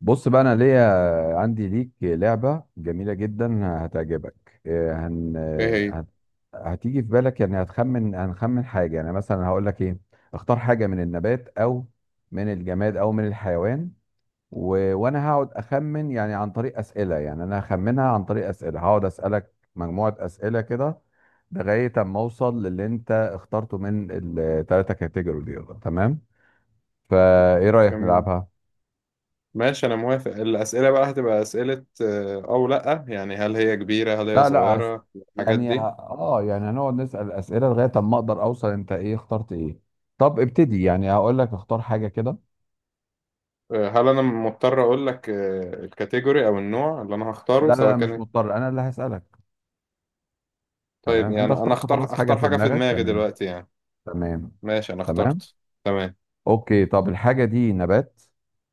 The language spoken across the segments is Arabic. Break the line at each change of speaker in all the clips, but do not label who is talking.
بص بقى، انا ليا عندي ليك لعبة جميلة جدا هتعجبك
ايه هي؟
هتيجي في بالك، يعني هنخمن حاجة. يعني مثلا هقول لك ايه: اختار حاجة من النبات، او من الجماد، او من الحيوان. وانا هقعد اخمن يعني عن طريق أسئلة، يعني انا هخمنها عن طريق أسئلة، هقعد أسألك مجموعة أسئلة كده لغاية اما اوصل للي انت اخترته من الثلاثة كاتيجوري دول. تمام؟ فايه رأيك
جميل.
نلعبها؟
ماشي، انا موافق. الاسئله بقى هتبقى اسئله او لا؟ يعني هل هي كبيره، هل هي
لا، لا،
صغيره الحاجات
يعني
دي؟
يعني هنقعد نسأل أسئلة لغاية ما اقدر اوصل انت ايه اخترت ايه. طب ابتدي، يعني هقول لك اختار حاجة كده.
هل انا مضطر اقول لك الكاتيجوري او النوع اللي انا هختاره
لا، لا،
سواء
لا، مش
كان؟
مضطر، انا اللي هسألك.
طيب،
تمام، انت
يعني انا
اخترت
اختار
خلاص حاجة
اختار
في
حاجه في
دماغك،
دماغي
تمام،
دلوقتي يعني.
تمام.
ماشي، انا
تمام.
اخترت. تمام.
اوكي، طب الحاجة دي نبات؟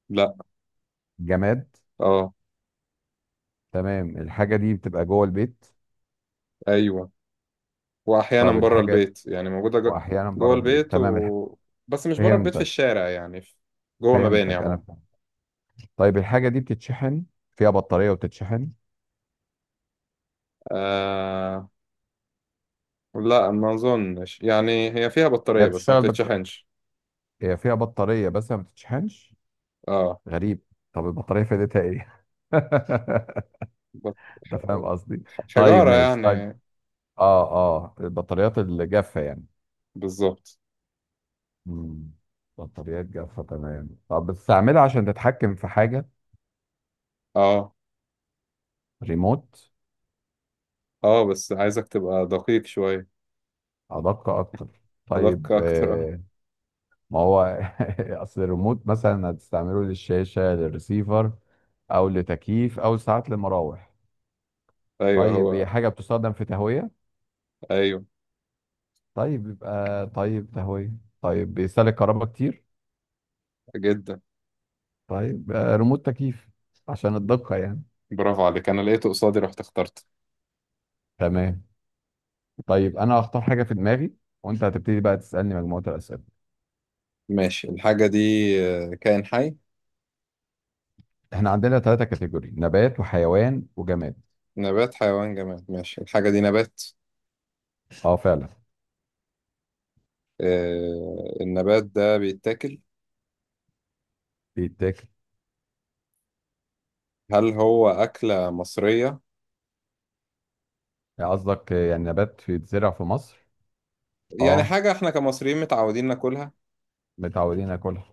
لا.
جماد؟
اه.
تمام، الحاجة دي بتبقى جوه البيت؟
ايوه. واحيانا
طيب
بره
الحاجة
البيت، يعني موجوده
واحيانا
جوه
بره البيت،
البيت
تمام،
و... بس مش بره البيت في
فهمتك،
الشارع يعني جوه مباني
فهمتك، انا
عموما.
فهمت. طيب الحاجة دي بتتشحن؟ فيها بطارية وتتشحن؟
آه لا، ما اظنش، يعني هي فيها
هي
بطارية بس ما
بتشتغل،
بتتشحنش.
هي فيها بطارية بس ما بتتشحنش؟
اه.
غريب. طب البطارية فايدتها ايه؟
بط...
انت
ح-
فاهم قصدي. طيب
حجارة
ماشي، طيب.
يعني.
اه، اه، البطاريات الجافة يعني.
بالظبط.
مم. بطاريات جافة، تمام. طب بتستعملها عشان تتحكم في حاجة؟
اه
ريموت؟
اه، بس عايزك تبقى دقيق شوية.
أدق أكتر.
ادق
طيب،
اكتر، اه.
ما هو أصل الريموت مثلا هتستعمله للشاشة، للريسيفر، أو لتكييف، أو ساعات لمراوح.
ايوه
طيب هي
هو.
حاجة بتستخدم في تهوية؟
ايوه.
طيب يبقى، طيب تهوية. طيب بيستهلك كهرباء كتير؟
جدا.
طيب، ريموت تكييف، عشان الدقة يعني.
برافو عليك، انا لقيته قصادي رحت اخترت.
تمام. طيب أنا هختار حاجة في دماغي، وأنت هتبتدي بقى تسألني مجموعة الأسئلة.
ماشي. الحاجة دي كائن حي.
إحنا عندنا ثلاثة كاتيجوري: نبات، وحيوان، وجماد.
نبات حيوان جماد، ماشي. الحاجة دي نبات.
أه، فعلا.
النبات ده بيتاكل؟
بيتاكل.
هل هو أكلة مصرية؟
يعني قصدك يعني نبات بيتزرع في مصر؟
يعني
أه،
حاجة احنا كمصريين متعودين ناكلها؟
متعودين ناكلها.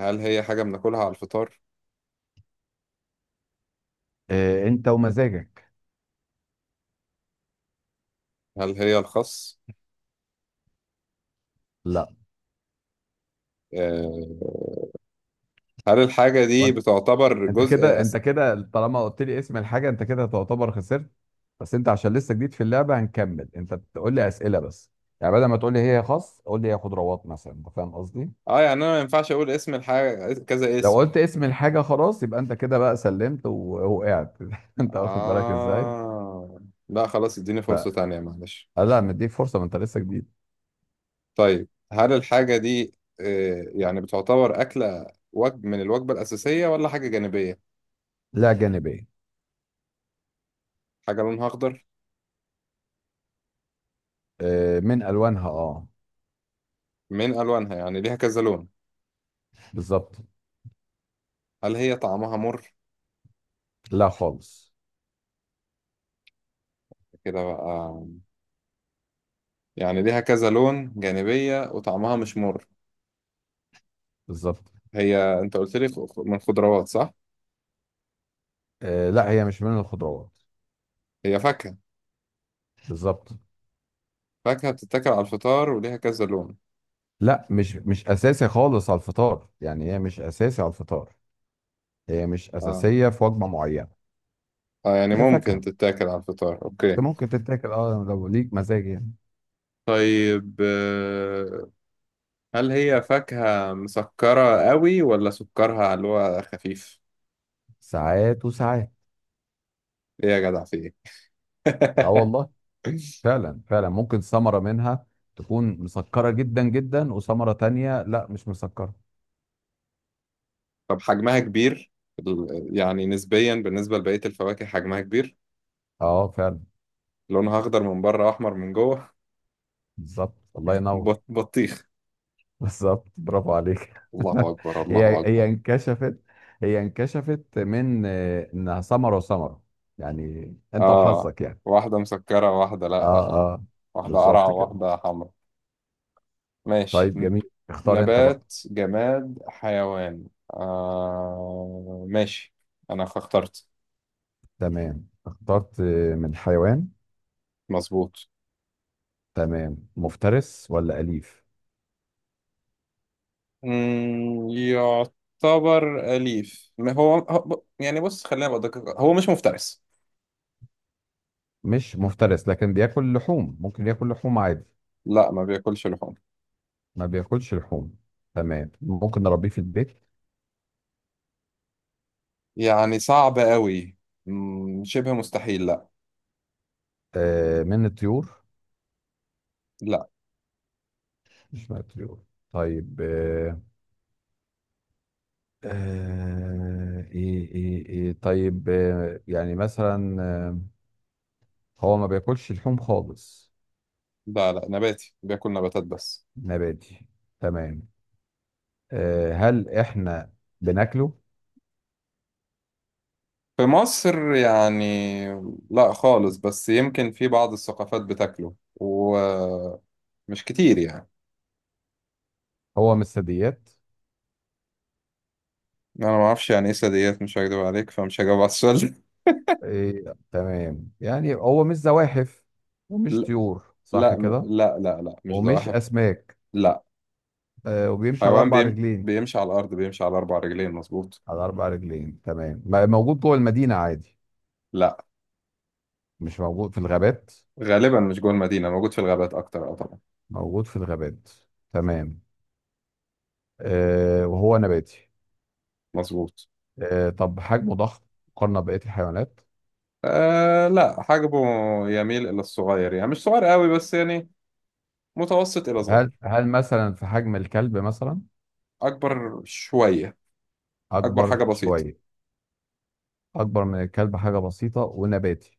هل هي حاجة بناكلها على الفطار؟
أنت ومزاجك.
هل هي الخس؟
لا.
آه، هل الحاجة دي بتعتبر
انت
جزء
كده انت كده طالما قلت لي اسم الحاجه، انت كده تعتبر خسرت. بس انت عشان لسه جديد في اللعبه هنكمل، انت بتقول لي اسئله بس. يعني بدل ما تقول لي هي خاص، قول لي هي خضروات مثلا، انت فاهم قصدي؟
اه، يعني انا ما ينفعش اقول اسم الحاجة كذا
لو
اسم؟
قلت اسم الحاجه خلاص يبقى انت كده بقى سلمت ووقعت. انت واخد بالك ازاي.
اه، لا خلاص اديني
ف
فرصة تانية معلش.
آه، لا، مديك فرصه، ما انت لسه جديد.
طيب، هل الحاجة دي يعني بتعتبر أكلة، وجب من الوجبة الأساسية ولا حاجة جانبية؟
لا، جانبيه.
حاجة لونها أخضر.
آه، من الوانها، اه.
من ألوانها، يعني ليها كذا لون؟
بالظبط.
هل هي طعمها مر؟
لا خالص.
كده بقى، يعني ليها كذا لون جانبية وطعمها مش مر.
بالظبط.
هي انت قلت لي من خضروات صح؟
آه، لا هي مش من الخضروات.
هي فاكهة؟
بالظبط.
فاكهة بتتاكل على الفطار وليها كذا لون.
لا، مش اساسي خالص على الفطار، يعني هي مش اساسي على الفطار، هي مش
اه،
اساسيه في وجبه معينه.
يعني
هي
ممكن
فاكهه،
تتاكل على الفطار،
بس
اوكي.
ممكن تتاكل، اه، لو ليك مزاج يعني.
طيب، هل هي فاكهة مسكرة قوي ولا سكرها اللي هو خفيف؟
ساعات وساعات.
ايه يا جدع، في ايه؟
اه والله، فعلا فعلا ممكن ثمره منها تكون مسكره جدا جدا وثمره تانية لا مش مسكره.
طب حجمها كبير، يعني نسبيا بالنسبة لبقية الفواكه حجمها كبير؟
اه، فعلا.
لونها اخضر من بره واحمر من جوه.
بالظبط، الله ينور.
بطيخ.
بالظبط، برافو عليك.
الله اكبر، الله
هي
اكبر.
هي انكشفت، هي انكشفت من انها ثمره وثمره، يعني انت
اه،
وحظك يعني.
واحدة مسكرة واحدة
اه،
لأ، آه.
اه،
واحدة قرعة
بالظبط كده.
واحدة حمرا. ماشي.
طيب جميل، اختار انت بقى.
نبات جماد حيوان. ماشي، أنا اخترت.
تمام، اخترت. من حيوان.
مظبوط.
تمام، مفترس ولا أليف؟
يعتبر أليف، ما هو يعني بص خلينا بدقق، هو مش مفترس.
مش مفترس، لكن بياكل لحوم، ممكن ياكل لحوم عادي.
لا، ما بياكلش لحوم.
ما بياكلش لحوم؟ تمام. ممكن نربيه في البيت؟
يعني صعب قوي. شبه مستحيل، لا.
آه، من الطيور؟
لا.
مش من الطيور. طيب، ايه ايه ايه طيب، يعني مثلا هو ما بياكلش لحوم خالص؟
لا لا، نباتي بياكل نباتات بس.
نباتي. تمام. هل احنا بناكله؟
في مصر يعني، لا خالص، بس يمكن في بعض الثقافات بتاكله ومش كتير يعني.
هو مش ثدييات؟
انا ما اعرفش يعني ايه ساديات، مش هكدب عليك فمش هجاوب على السؤال ده.
إيه، تمام. يعني هو مش زواحف ومش
لا
طيور، صح
لا
كده؟
لا لا لا، مش
ومش
ضعف.
اسماك؟
لا.
وبيمشي على
حيوان
اربع رجلين؟
بيمشي على الارض، بيمشي على اربع رجلين، مظبوط.
على اربع رجلين، تمام. موجود جوه المدينة عادي؟
لا،
مش موجود في الغابات؟
غالبا مش جوه المدينه، موجود في الغابات اكتر، اه طبعا.
موجود في الغابات، تمام. وهو نباتي.
مظبوط.
طب حجمه ضخم مقارنة ببقية الحيوانات؟
لا، حجمه يميل الى الصغير، يعني مش صغير قوي بس يعني متوسط الى صغير.
هل مثلا في حجم الكلب مثلا؟
اكبر شويه. اكبر حاجه
اكبر
بسيطه.
شوية؟ اكبر من الكلب حاجة بسيطة ونباتي.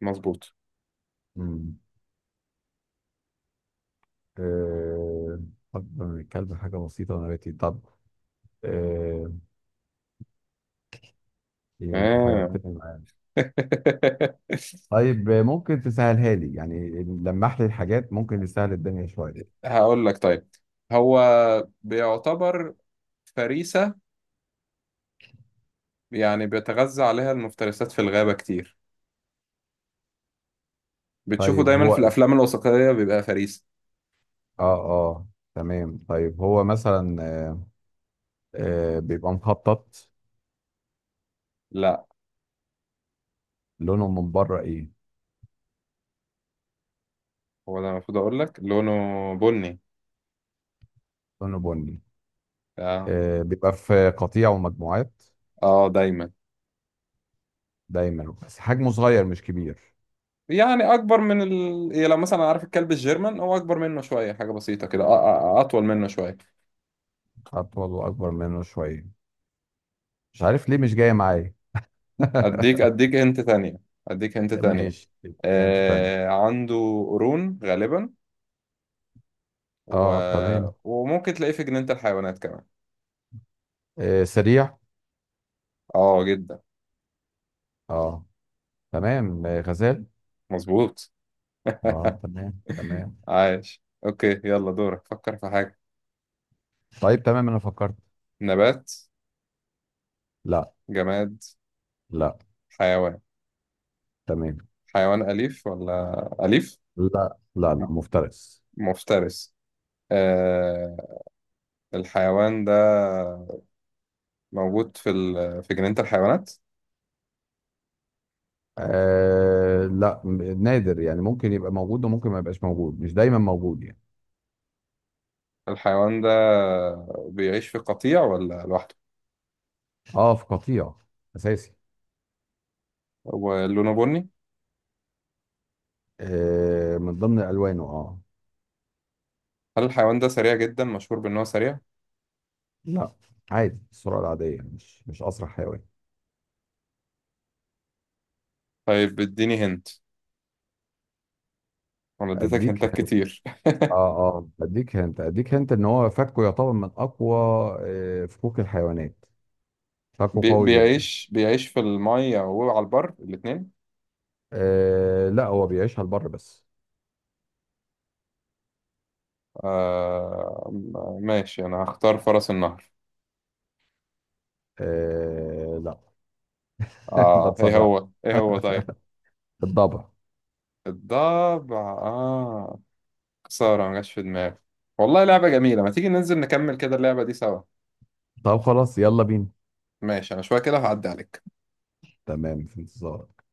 مظبوط.
مم. أه... أكبر من الكلب حاجة بسيطة ونباتي، طب أه... إيه، أنت
آه.
حيرتني معاك. طيب، ممكن تسهلها لي، يعني لمح لي الحاجات ممكن تسهل الدنيا شوية؟
هقول لك، طيب. هو بيعتبر فريسة، يعني بيتغذى عليها المفترسات في الغابة كتير، بتشوفه
طيب
دايما في
هو،
الأفلام الوثائقية بيبقى فريسة.
آه آه تمام. طيب هو مثلا، بيبقى مخطط؟
لا،
لونه من بره إيه؟
هو ده المفروض أقول لك، لونه بني.
لونه بني.
آه.
بيبقى في قطيع ومجموعات؟
آه، دايما.
دايما، بس حجمه صغير مش كبير؟
يعني أكبر من يعني لو مثلا عارف الكلب الجيرمان، هو أكبر منه شوية حاجة بسيطة كده، أطول منه شوية.
أطول وأكبر منه شوية. مش عارف ليه مش جاية معايا.
أديك هنت تانية. أديك هنت تانية.
ماشي، تبقى انت تاني.
آه. عنده قرون غالبا و...
اه، تمام.
وممكن تلاقيه في جنينة الحيوانات كمان.
آه، سريع.
اه جدا.
اه، تمام. آه، غزال.
مظبوط.
اه، تمام، تمام.
عايش، اوكي يلا دورك، فكر في حاجة.
طيب تمام، انا فكرت.
نبات.
لا.
جماد.
لا.
حيوان.
تمام.
حيوان أليف ولا أليف؟
لا، لا،
م-
لا، مفترس.
مفترس. آه الحيوان ده موجود في في جنينة الحيوانات؟
آه، لا، نادر، يعني ممكن يبقى موجود وممكن ما يبقاش موجود، مش دايما موجود يعني.
الحيوان ده بيعيش في قطيع ولا لوحده؟
اه، في قطيع اساسي.
ولونه بني؟
آه، من ضمن الوانه، اه.
هل الحيوان ده سريع جدا، مشهور بأنه سريع؟
لا، عادي، السرعه العاديه، مش اسرع حيوان.
طيب اديني هنت، انا اديتك
اديك
هنتات كتير.
اه، اه، اديك هنت ان هو فكه يعتبر من اقوى فكوك الحيوانات، فكه قوي جدا.
بيعيش في المية وعلى البر الاتنين؟
آه، لا، هو بيعيشها البر بس.
آه ماشي، أنا هختار فرس النهر.
آه، لا. انت
آه، إيه
تسرع.
هو، إيه هو؟ طيب.
الضبع.
الضبع، آه. خسارة ما جاش في دماغي. والله لعبة جميلة، ما تيجي ننزل نكمل كده اللعبة دي سوا؟
طب خلاص، يلا بينا.
ماشي، أنا شوية كده هعدي عليك.
تمام، في انتظارك.